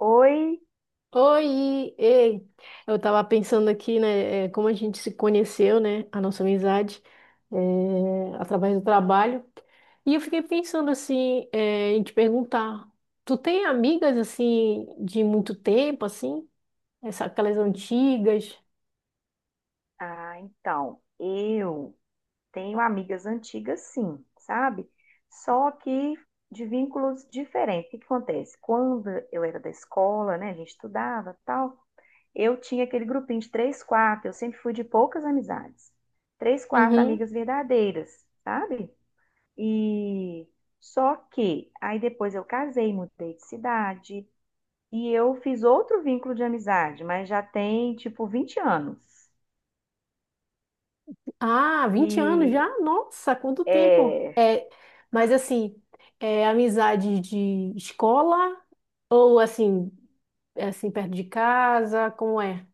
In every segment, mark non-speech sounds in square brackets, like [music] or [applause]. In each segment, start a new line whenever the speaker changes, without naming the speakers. Oi,
Oi, ei, eu tava pensando aqui, né, como a gente se conheceu, né, a nossa amizade, através do trabalho. E eu fiquei pensando, assim, em te perguntar, tu tem amigas, assim, de muito tempo, assim, aquelas antigas?
ah, então, eu tenho amigas antigas, sim, sabe? Só que de vínculos diferentes. O que acontece? Quando eu era da escola, né, a gente estudava, tal, eu tinha aquele grupinho de três, quatro. Eu sempre fui de poucas amizades. Três, quatro
Uhum.
amigas verdadeiras, sabe? E só que aí depois eu casei, mudei de cidade e eu fiz outro vínculo de amizade, mas já tem tipo 20 anos.
Ah, 20 anos já?
E
Nossa, quanto tempo!
É,
É, mas, assim, é amizade de escola ou, assim, é, assim, perto de casa, como é?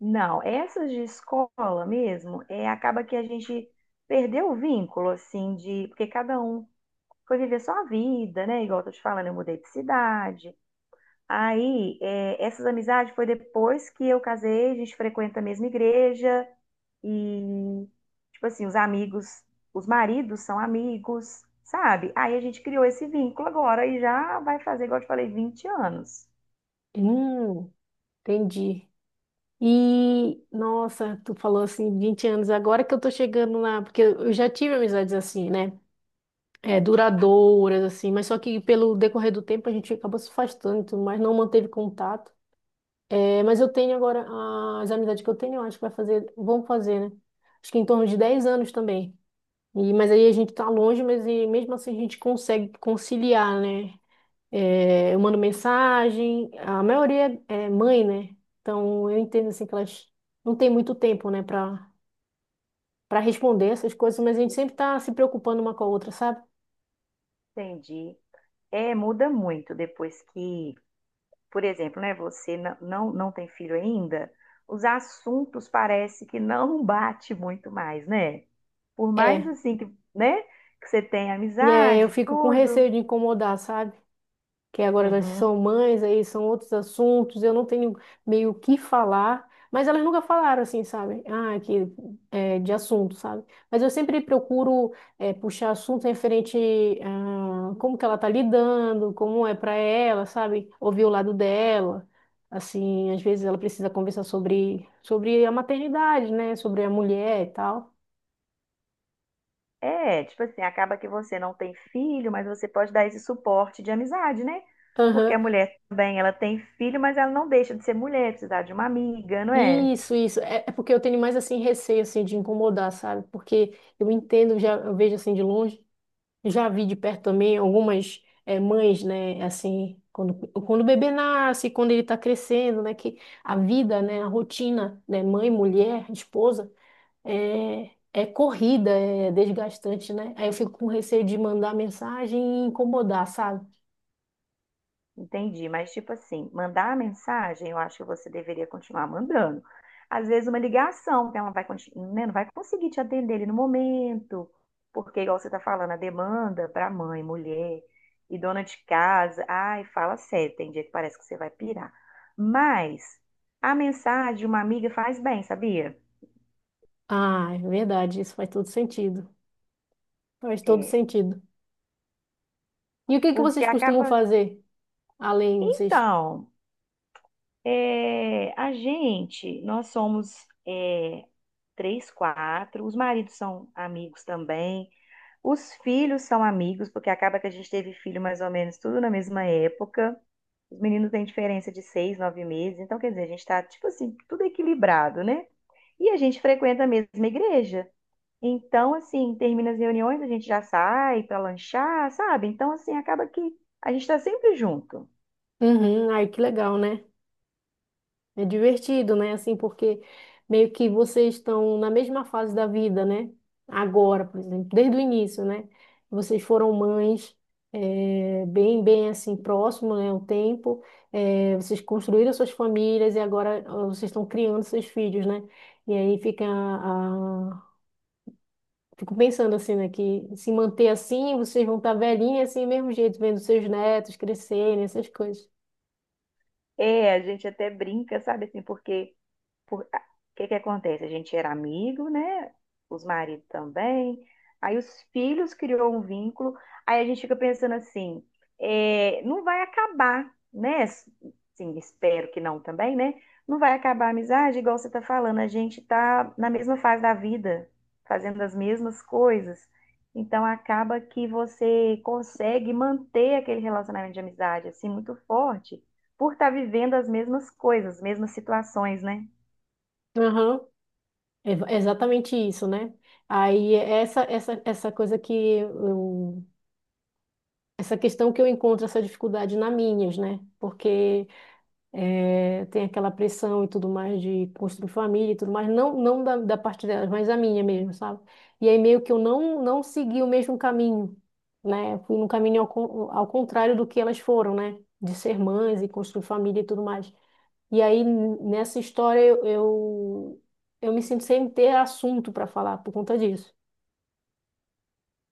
não, essas de escola mesmo, acaba que a gente perdeu o vínculo, assim, porque cada um foi viver sua vida, né? Igual eu tô te falando, eu mudei de cidade. Aí, essas amizades foi depois que eu casei. A gente frequenta a mesma igreja e, tipo assim, os amigos, os maridos são amigos, sabe? Aí a gente criou esse vínculo agora e já vai fazer, igual eu te falei, 20 anos.
Hum, entendi. E, nossa, tu falou assim, 20 anos, agora que eu tô chegando na. Porque eu já tive amizades assim, né? É, duradouras, assim, mas só que pelo decorrer do tempo a gente acabou se afastando, e tudo mais não manteve contato. É, mas eu tenho agora, as amizades que eu tenho, eu acho que vai fazer, vão fazer, né? Acho que em torno de 10 anos também. E, mas aí a gente tá longe, mas e mesmo assim a gente consegue conciliar, né? É, eu mando mensagem, a maioria é mãe, né? Então eu entendo assim que elas não têm muito tempo, né, para responder essas coisas, mas a gente sempre tá se preocupando uma com a outra, sabe?
Entendi. É, muda muito depois que, por exemplo, né, você não tem filho ainda, os assuntos parece que não bate muito mais, né? Por mais
É,
assim que, né, que você tenha
e é, eu
amizade,
fico com
tudo.
receio de incomodar, sabe? Que agora elas são
Uhum.
mães, aí são outros assuntos, eu não tenho meio o que falar, mas elas nunca falaram assim, sabe? Ah, que é, de assunto, sabe? Mas eu sempre procuro puxar assunto referente a como que ela tá lidando, como é para ela, sabe? Ouvir o lado dela. Assim, às vezes ela precisa conversar sobre a maternidade, né? Sobre a mulher e tal.
É, tipo assim, acaba que você não tem filho, mas você pode dar esse suporte de amizade, né? Porque a
Aham.
mulher também, ela tem filho, mas ela não deixa de ser mulher, precisar de uma amiga, não é?
Isso, isso. É, é porque eu tenho mais assim receio assim de incomodar, sabe? Porque eu entendo, já eu vejo assim de longe, já vi de perto também algumas mães, né? Assim, quando o bebê nasce, quando ele está crescendo, né? Que a vida, né? A rotina, né? Mãe, mulher, esposa, é, é corrida, é desgastante, né? Aí eu fico com receio de mandar mensagem e incomodar, sabe?
Entendi, mas tipo assim, mandar a mensagem, eu acho que você deveria continuar mandando. Às vezes uma ligação, que ela não vai conseguir te atender ali no momento, porque igual você está falando, a demanda para mãe, mulher e dona de casa, ai, fala sério, tem dia que parece que você vai pirar. Mas a mensagem de uma amiga faz bem, sabia?
Ah, é verdade. Isso faz todo sentido. Faz todo
É,
sentido. E o que que
porque
vocês costumam
acaba.
fazer? Além, vocês.
Então, nós somos, três, quatro. Os maridos são amigos também, os filhos são amigos, porque acaba que a gente teve filho mais ou menos tudo na mesma época. Os meninos têm diferença de 6, 9 meses, então quer dizer, a gente tá, tipo assim, tudo equilibrado, né? E a gente frequenta a mesma igreja. Então, assim, termina as reuniões, a gente já sai para lanchar, sabe? Então, assim, acaba que a gente tá sempre junto.
Uhum, ai, que legal, né? É divertido, né? Assim, porque meio que vocês estão na mesma fase da vida, né? Agora, por exemplo, desde o início, né? Vocês foram mães, é, bem assim, próximo, né? O tempo. É, vocês construíram suas famílias e agora ah, vocês estão criando seus filhos, né? E aí fica a... Fico pensando assim, né? Que se manter assim, vocês vão estar velhinhas assim, mesmo jeito, vendo seus netos crescerem, essas coisas.
É, a gente até brinca, sabe, assim, porque o que que acontece? A gente era amigo, né? Os maridos também. Aí os filhos criou um vínculo. Aí a gente fica pensando assim, é, não vai acabar, né? Sim, espero que não também, né? Não vai acabar a amizade, igual você tá falando. A gente tá na mesma fase da vida, fazendo as mesmas coisas. Então acaba que você consegue manter aquele relacionamento de amizade assim muito forte por estar vivendo as mesmas coisas, as mesmas situações, né?
Aham. É exatamente isso, né? Aí essa coisa que eu, essa questão que eu encontro essa dificuldade na Minas, né? Porque tem aquela pressão e tudo mais de construir família e tudo mais, não da, da parte delas, mas a minha mesmo, sabe? E aí meio que eu não segui o mesmo caminho, né? Fui num caminho ao contrário do que elas foram, né? De ser mães e construir família e tudo mais. E aí, nessa história, eu me sinto sem ter assunto para falar por conta disso.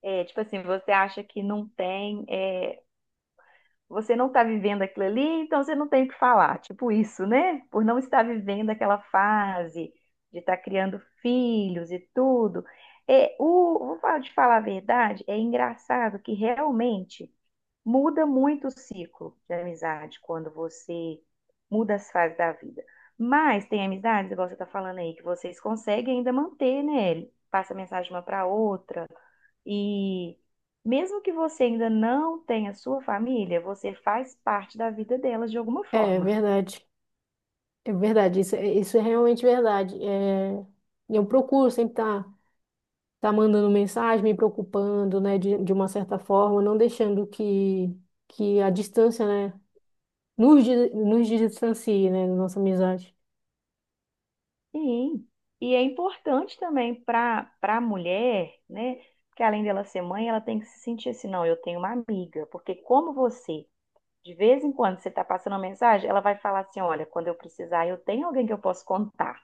É, tipo assim, você acha que não tem, você não está vivendo aquilo ali, então você não tem o que falar. Tipo isso, né? Por não estar vivendo aquela fase de estar criando filhos e tudo. É, o, vou falar de Falar a verdade, é engraçado que realmente muda muito o ciclo de amizade quando você muda as fases da vida. Mas tem amizades, igual você está falando aí, que vocês conseguem ainda manter, né? Passa mensagem uma para outra. E mesmo que você ainda não tenha sua família, você faz parte da vida delas de alguma
É, é
forma.
verdade. É verdade. Isso, isso é realmente verdade. É, eu procuro sempre estar tá, tá mandando mensagem, me preocupando, né, de uma certa forma, não deixando que a distância, né, nos distancie, né, da nossa amizade.
Sim. E é importante também para a mulher, né? Que além dela ser mãe, ela tem que se sentir assim: não, eu tenho uma amiga. Porque como você, de vez em quando, você está passando uma mensagem, ela vai falar assim: olha, quando eu precisar, eu tenho alguém que eu posso contar.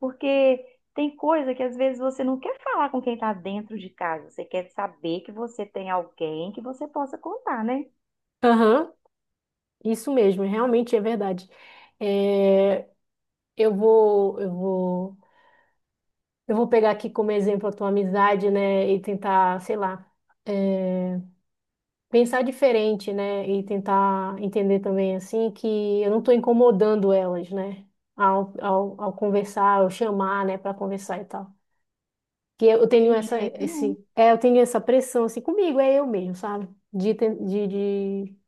Porque tem coisa que às vezes você não quer falar com quem está dentro de casa, você quer saber que você tem alguém que você possa contar, né?
Aham, isso mesmo, realmente é verdade. É, eu vou. Eu vou pegar aqui como exemplo a tua amizade, né? E tentar, sei lá, eh, pensar diferente, né? E tentar entender também, assim, que eu não estou incomodando elas, né? Ao conversar, ao chamar, né? Para conversar e tal. Que eu tenho
De jeito nenhum.
eu tenho essa pressão, assim, comigo, é eu mesmo, sabe? De, ten- de, de,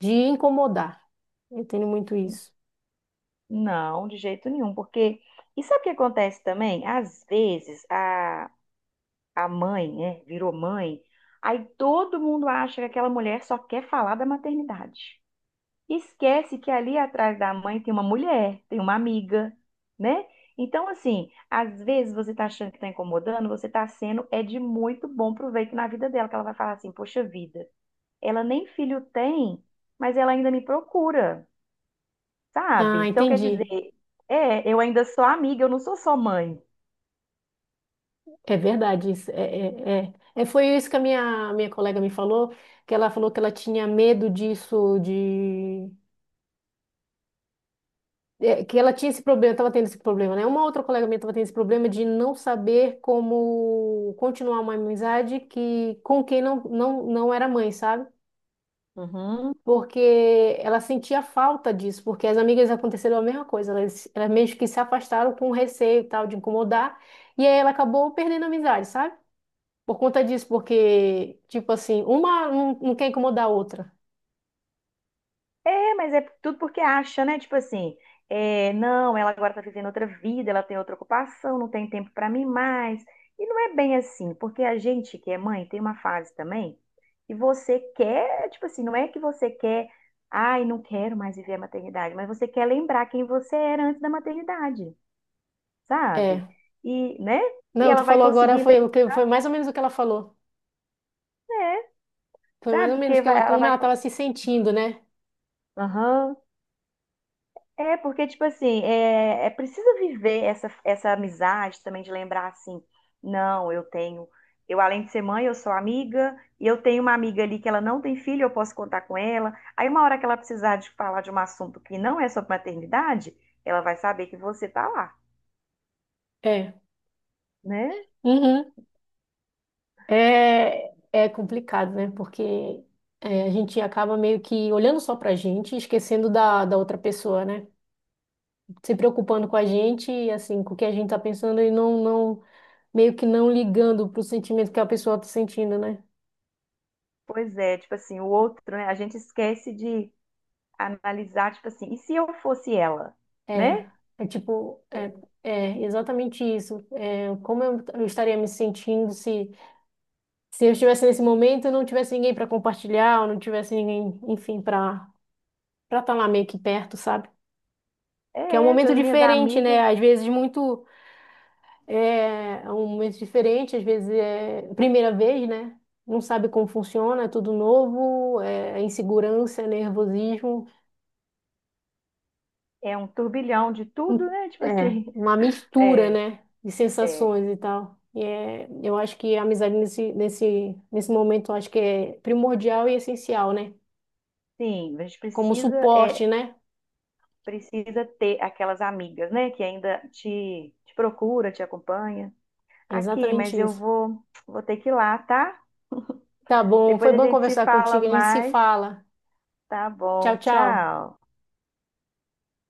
de incomodar. Eu tenho muito isso.
Não, de jeito nenhum. Porque, e sabe o que acontece também? Às vezes a mãe, né, virou mãe, aí todo mundo acha que aquela mulher só quer falar da maternidade. Esquece que ali atrás da mãe tem uma mulher, tem uma amiga, né? Então, assim, às vezes você tá achando que tá incomodando, você tá sendo, é, de muito bom proveito na vida dela, que ela vai falar assim: poxa vida, ela nem filho tem, mas ela ainda me procura, sabe?
Ah,
Então, quer
entendi.
dizer, eu ainda sou amiga, eu não sou só mãe.
É verdade isso. É, foi isso que a minha colega me falou que ela tinha medo disso, de... é, que ela tinha esse problema, estava tendo esse problema, né? Uma outra colega minha estava tendo esse problema de não saber como continuar uma amizade que, com quem não era mãe, sabe?
Uhum.
Porque ela sentia falta disso, porque as amigas aconteceram a mesma coisa, elas meio que se afastaram com receio e tal de incomodar, e aí ela acabou perdendo a amizade, sabe? Por conta disso, porque, tipo assim, uma não quer incomodar a outra.
É, mas é tudo porque acha, né? Tipo assim, não, ela agora tá vivendo outra vida, ela tem outra ocupação, não tem tempo pra mim mais. E não é bem assim, porque a gente que é mãe tem uma fase também que você quer, tipo assim, não é que você quer, ai, não quero mais viver a maternidade, mas você quer lembrar quem você era antes da maternidade, sabe?
É.
E, né? E
Não, tu
ela vai
falou agora,
conseguir, né?
foi mais ou menos o que ela falou. Foi mais
Sabe?
ou menos
Porque
que ela,
ela
como
vai.
ela estava se sentindo, né?
Aham. É, porque, tipo assim, é preciso viver essa amizade também, de lembrar assim: não, eu tenho, eu, além de ser mãe, eu sou amiga, e eu tenho uma amiga ali que ela não tem filho, eu posso contar com ela. Aí, uma hora que ela precisar de falar de um assunto que não é sobre maternidade, ela vai saber que você tá lá,
É.
né?
Uhum. É, é complicado, né? Porque é, a gente acaba meio que olhando só pra gente, e esquecendo da outra pessoa, né? Se preocupando com a gente, e assim, com o que a gente tá pensando e meio que não ligando pro sentimento que a pessoa tá sentindo, né?
Pois é, tipo assim, o outro, né? A gente esquece de analisar, tipo assim, e se eu fosse ela,
É,
né?
é tipo, é, é exatamente isso. É, eu estaria me sentindo se, se eu estivesse nesse momento e não tivesse ninguém para compartilhar, ou não tivesse ninguém, enfim, para estar lá meio que perto, sabe? Que é um
É,
momento
essas minhas
diferente, né?
amigas,
Às vezes muito é, é um momento diferente, às vezes é primeira vez, né? Não sabe como funciona, é tudo novo, é insegurança, é nervosismo.
é um turbilhão de tudo, né? Tipo
É,
assim,
uma
[laughs]
mistura,
é.
né, de
É,
sensações e tal. E é, eu acho que a amizade nesse momento, eu acho que é primordial e essencial, né?
sim, a gente
Como
precisa
suporte,
é
né?
precisa ter aquelas amigas, né, que ainda te procura, te acompanha.
É
Aqui,
exatamente
mas eu
isso.
vou ter que ir lá, tá?
Tá bom, foi
Depois a
bom
gente se
conversar
fala
contigo, a gente se
mais.
fala.
Tá
Tchau,
bom,
tchau.
tchau.